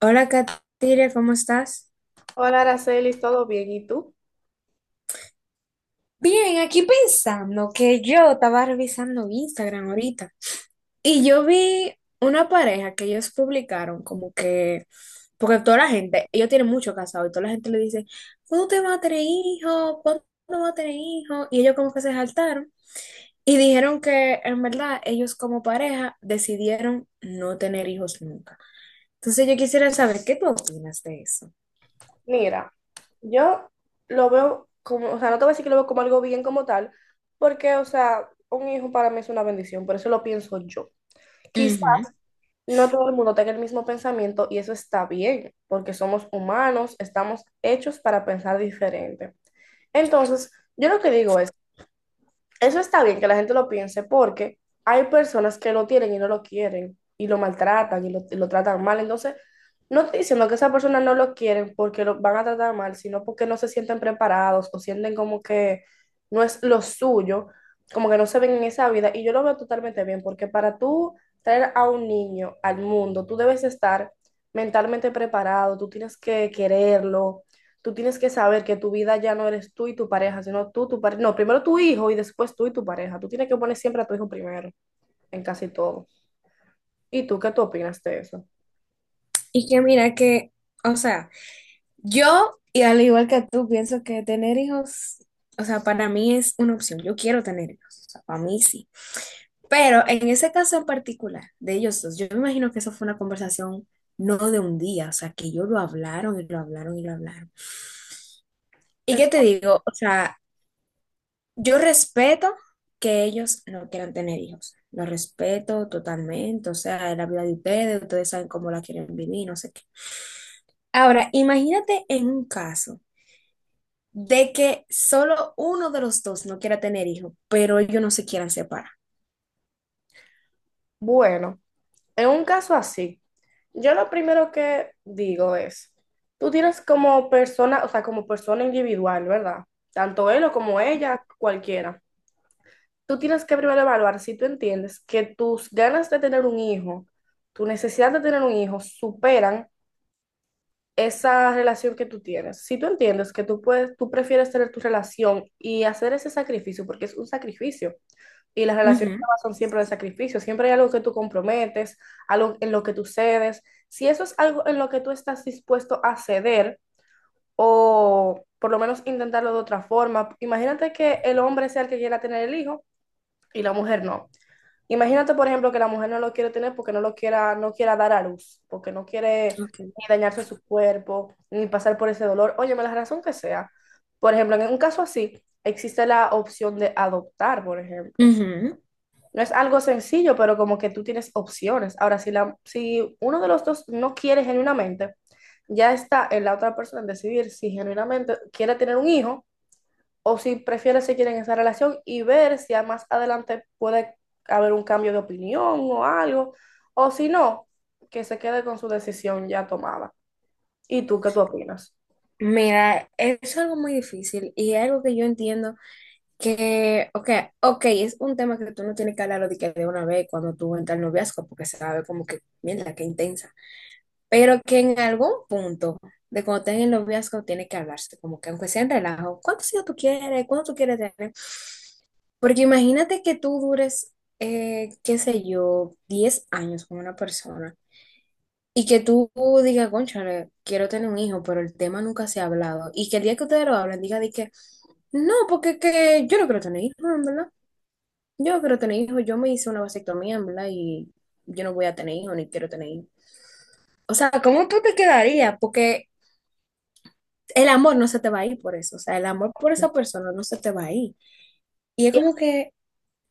Hola, Katiria, ¿cómo estás? Hola, Aracelis, ¿todo bien? ¿Y tú? Bien, aquí pensando que yo estaba revisando Instagram ahorita. Y yo vi una pareja que ellos publicaron como que, porque toda la gente, ellos tienen mucho casado y toda la gente le dice, ¿cuándo te vas a tener hijos? ¿Cuándo vas a tener hijos? Y ellos como que se saltaron y dijeron que en verdad ellos como pareja decidieron no tener hijos nunca. Entonces yo quisiera saber qué tú opinas de eso. Mira, yo lo veo como, o sea, no te voy a decir que lo veo como algo bien como tal, porque, o sea, un hijo para mí es una bendición, por eso lo pienso yo. Quizá Ujú. no todo el mundo tenga el mismo pensamiento y eso está bien, porque somos humanos, estamos hechos para pensar diferente. Entonces, yo lo que digo es. Eso está bien que la gente lo piense, porque hay personas que lo tienen y no lo quieren y lo maltratan y lo tratan mal. Entonces, no estoy diciendo que esas personas no lo quieren porque lo van a tratar mal, sino porque no se sienten preparados o sienten como que no es lo suyo, como que no se ven en esa vida. Y yo lo veo totalmente bien, porque para tú traer a un niño al mundo, tú debes estar mentalmente preparado, tú tienes que quererlo, tú tienes que saber que tu vida ya no eres tú y tu pareja, sino tú, tu pareja, no, primero tu hijo y después tú y tu pareja. Tú tienes que poner siempre a tu hijo primero en casi todo. ¿Y tú qué tú opinas de eso? Y que mira que, o sea... Yo, y al igual que tú, pienso que tener hijos, o sea, para mí es una opción. Yo quiero tener hijos, o sea, para mí sí. Pero en ese caso en particular de ellos dos, yo me imagino que eso fue una conversación no de un día, o sea, que ellos lo hablaron y lo hablaron y lo hablaron. ¿Y qué Es, te digo? O sea, yo respeto que ellos no quieran tener hijos. Lo respeto totalmente, o sea, es la vida de ustedes, ustedes saben cómo la quieren vivir, no sé qué. Ahora, imagínate en un caso de que solo uno de los dos no quiera tener hijos, pero ellos no se quieran separar. bueno, en un caso así, yo lo primero que digo es, tú tienes como persona, o sea, como persona individual, ¿verdad? Tanto él o como ella, cualquiera. Tú tienes que primero evaluar si tú entiendes que tus ganas de tener un hijo, tu necesidad de tener un hijo superan esa relación que tú tienes. Si tú entiendes que tú puedes, tú prefieres tener tu relación y hacer ese sacrificio, porque es un sacrificio, y las relaciones Ujú. de son siempre de sacrificio, siempre hay algo que tú comprometes, algo en lo que tú cedes. Si eso es algo en lo que tú estás dispuesto a ceder, o por lo menos intentarlo de otra forma, imagínate que el hombre sea el que quiera tener el hijo y la mujer no. Imagínate, por ejemplo, que la mujer no lo quiere tener porque no lo quiera, no quiera dar a luz, porque no quiere Okay. ni dañarse su cuerpo, ni pasar por ese dolor. Óyeme, la razón que sea. Por ejemplo, en un caso así, existe la opción de adoptar, por ejemplo. Ujú. No es algo sencillo, pero como que tú tienes opciones. Ahora, si uno de los dos no quiere genuinamente, ya está en la otra persona en decidir si genuinamente quiere tener un hijo o si prefiere seguir en esa relación y ver si a más adelante puede haber un cambio de opinión o algo, o si no, que se quede con su decisión ya tomada. ¿Y tú qué tú opinas? Mira, es algo muy difícil y es algo que yo entiendo que, ok, ok, es un tema que tú no tienes que hablarlo de que de una vez cuando tú entras al noviazgo, porque se va a ver como que, mierda, qué intensa, pero que en algún punto de cuando estén en el noviazgo tiene que hablarse, como que aunque sea en relajo, ¿cuántos hijos tú quieres? ¿Cuánto tú quieres tener? Porque imagínate que tú dures, qué sé yo, 10 años con una persona y que tú digas, cónchale, quiero tener un hijo, pero el tema nunca se ha hablado. Y que el día que ustedes lo hablen, diga de que, no, porque que yo no quiero tener hijos, en verdad. Yo no quiero tener hijos, yo me hice una vasectomía, en verdad, y yo no voy a tener hijos ni quiero tener hijos. O sea, ¿cómo tú te quedarías? Porque el amor no se te va a ir por eso. O sea, el amor por esa persona no se te va a ir. Y es Y como que...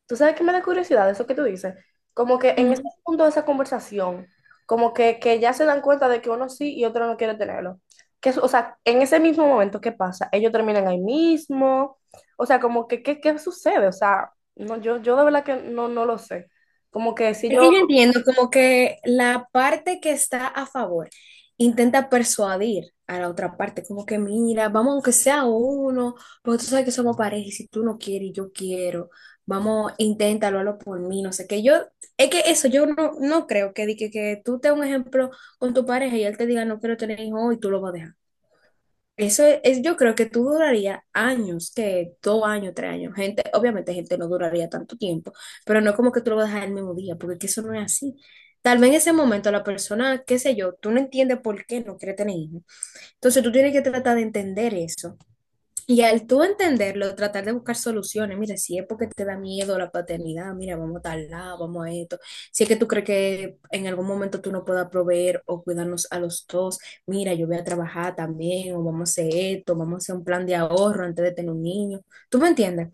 tú sabes que me da curiosidad eso que tú dices, como que en ese punto de esa conversación, como que ya se dan cuenta de que uno sí y otro no quiere tenerlo. Que, o sea, en ese mismo momento, ¿qué pasa? Ellos terminan ahí mismo, o sea, como que, ¿qué sucede? O sea, no, yo de verdad que no lo sé. Como que si Es yo. que yo entiendo como que la parte que está a favor intenta persuadir a la otra parte, como que mira, vamos aunque sea uno, porque tú sabes que somos pareja y si tú no quieres y yo quiero, vamos, inténtalo, hazlo por mí, no sé qué. Yo, es que eso, yo no creo que, di que tú te un ejemplo con tu pareja y él te diga no quiero tener hijos y tú lo vas a dejar. Yo creo que tú duraría años, que 2 años, 3 años. Gente, obviamente gente no duraría tanto tiempo, pero no como que tú lo vas a dejar el mismo día, porque es que eso no es así. Tal vez en ese momento la persona, qué sé yo, tú no entiendes por qué no quiere tener hijos. Entonces tú tienes que tratar de entender eso. Y al tú entenderlo, tratar de buscar soluciones, mira, si es porque te da miedo la paternidad, mira, vamos a tal lado, vamos a esto, si es que tú crees que en algún momento tú no puedas proveer o cuidarnos a los dos, mira, yo voy a trabajar también, o vamos a hacer esto, vamos a hacer un plan de ahorro antes de tener un niño, ¿tú me entiendes?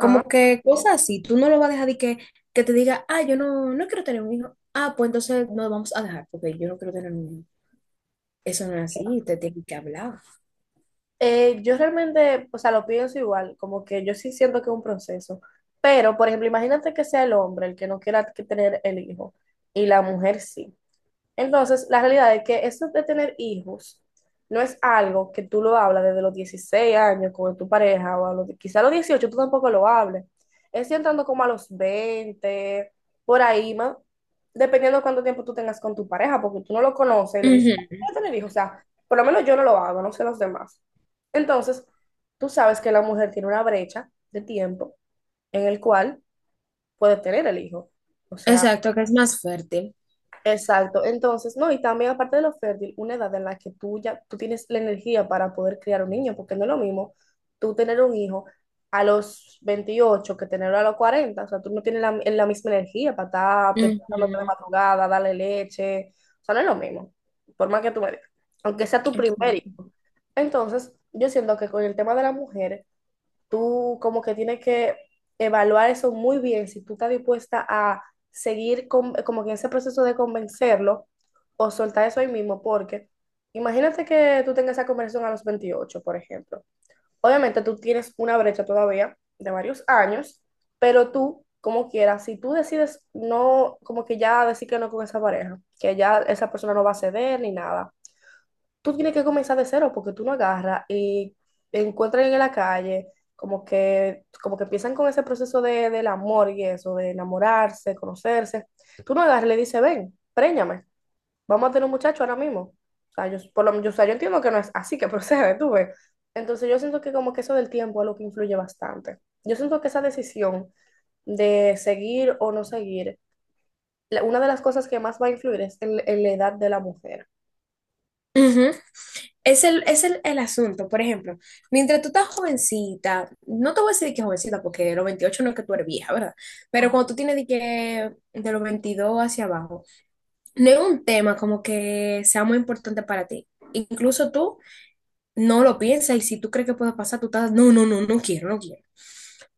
Ajá. que cosas así, tú no lo vas a dejar de que te diga, ah, yo no, no quiero tener un hijo, ah, pues entonces no vamos a dejar, porque yo no quiero tener un hijo. Eso no es así, te tienen que hablar. Yo realmente, o sea, lo pienso igual, como que yo sí siento que es un proceso, pero, por ejemplo, imagínate que sea el hombre el que no quiera que tener el hijo y la mujer sí. Entonces, la realidad es que eso de tener hijos no es algo que tú lo hablas desde los 16 años con tu pareja o a los, quizá a los 18 tú tampoco lo hables. Es entrando como a los 20 por ahí, más, dependiendo de cuánto tiempo tú tengas con tu pareja, porque tú no lo conoces y le dices, "Ah, Ujú. voy a tener hijos". O sea, por lo menos yo no lo hago, no sé los demás. Entonces, tú sabes que la mujer tiene una brecha de tiempo en el cual puede tener el hijo. O sea, Exacto, que es más fuerte. exacto. Entonces, no, y también aparte de lo fértil, una edad en la que tú ya tú tienes la energía para poder criar un niño, porque no es lo mismo tú tener un hijo a los 28 que tenerlo a los 40. O sea, tú no tienes la misma energía para estar despertándote de Ujú, madrugada, darle leche, o sea, no es lo mismo, por más que tú me digas, aunque sea tu primer exacto. hijo. Entonces, yo siento que con el tema de la mujer tú como que tienes que evaluar eso muy bien, si tú estás dispuesta a seguir con- como que en ese proceso de convencerlo o soltar eso ahí mismo, porque imagínate que tú tengas esa conversación a los 28, por ejemplo. Obviamente tú tienes una brecha todavía de varios años, pero tú, como quieras, si tú decides no, como que ya decir que no con esa pareja, que ya esa persona no va a ceder ni nada, tú tienes que comenzar de cero, porque tú no agarras y encuentran en la calle como que empiezan con ese proceso del amor y eso, de enamorarse, conocerse. Tú no agarras y le dices, ven, préñame, vamos a tener un muchacho ahora mismo. O sea, yo, por lo, yo, o sea, yo entiendo que no es así que procede, tú ves. Entonces yo siento que como que eso del tiempo es lo que influye bastante. Yo siento que esa decisión de seguir o no seguir, la- una de las cosas que más va a influir es en la edad de la mujer. Ujú. El asunto, por ejemplo, mientras tú estás jovencita, no te voy a decir que jovencita porque los 28 no es que tú eres vieja, ¿verdad? Pero cuando tú tienes de, que, de los 22 hacia abajo, no es un tema como que sea muy importante para ti. Incluso tú no lo piensas y si tú crees que puede pasar, tú estás, no, no, no, no quiero, no quiero.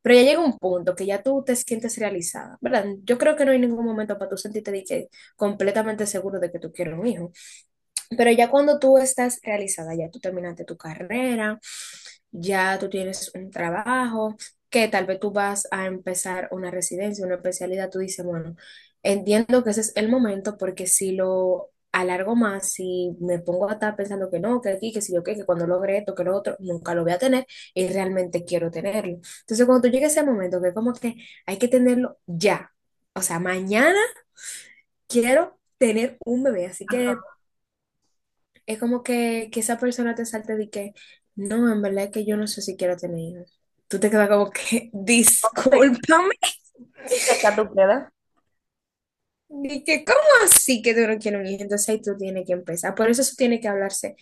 Pero ya llega un punto que ya tú te sientes realizada, ¿verdad? Yo creo que no hay ningún momento para tú sentirte de que completamente seguro de que tú quieres un hijo. Pero ya cuando tú estás realizada, ya tú terminaste tu carrera, ya tú tienes un trabajo, que tal vez tú vas a empezar una residencia, una especialidad, tú dices, bueno, entiendo que ese es el momento porque si lo alargo más, si me pongo a estar pensando que no, que aquí, que si yo qué, que cuando logre esto, que lo otro, nunca lo voy a tener y realmente quiero tenerlo. Entonces, cuando tú llegues a ese momento, que como que hay que tenerlo ya, o sea, mañana quiero tener un bebé, así que es como que esa persona te salte de que, no, en verdad es que yo no sé si quiero tener hijos. Tú te quedas como que, discúlpame, ¿Qué edad tú crees? y que, ¿cómo así que tú no quieres un hijo? Entonces ahí tú tienes que empezar. Por eso eso tiene que hablarse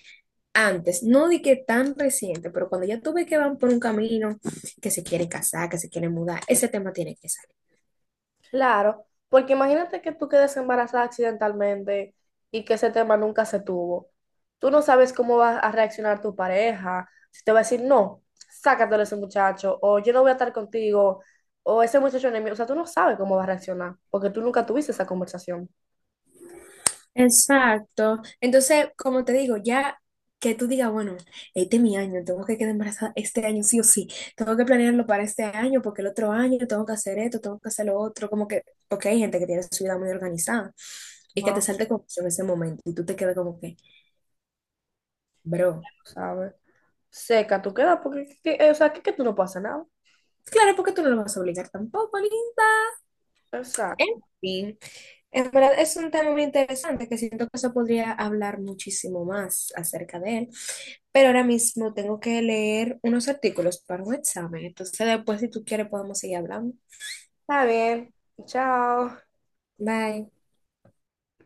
antes, no de que tan reciente, pero cuando ya tú ves que van por un camino, que se quieren casar, que se quieren mudar, ese tema tiene que salir. Claro, porque imagínate que tú quedes embarazada accidentalmente y que ese tema nunca se tuvo. Tú no sabes cómo va a reaccionar tu pareja, si te va a decir, no, sácatelo a ese muchacho, o yo no voy a estar contigo, o ese muchacho enemigo. O sea, tú no sabes cómo va a reaccionar, porque tú nunca tuviste esa conversación. Exacto. Entonces, como te digo, ya que tú digas, bueno, este es mi año, tengo que quedar embarazada este año sí o sí, tengo que planearlo para este año porque el otro año tengo que hacer esto, tengo que hacer lo otro, como que, porque hay gente que tiene su vida muy organizada y que te No, salte con eso en ese momento y tú te quedas como que, bro, sabes. Seca, tú quedas, porque, que- o sea, que tú no pasa nada. claro, porque tú no lo vas a obligar tampoco, ni- En Exacto. fin, en verdad es un tema muy interesante que siento que se podría hablar muchísimo más acerca de él, pero ahora mismo tengo que leer unos artículos para un examen, entonces después si tú quieres podemos seguir hablando. Está bien. Chao. Bye.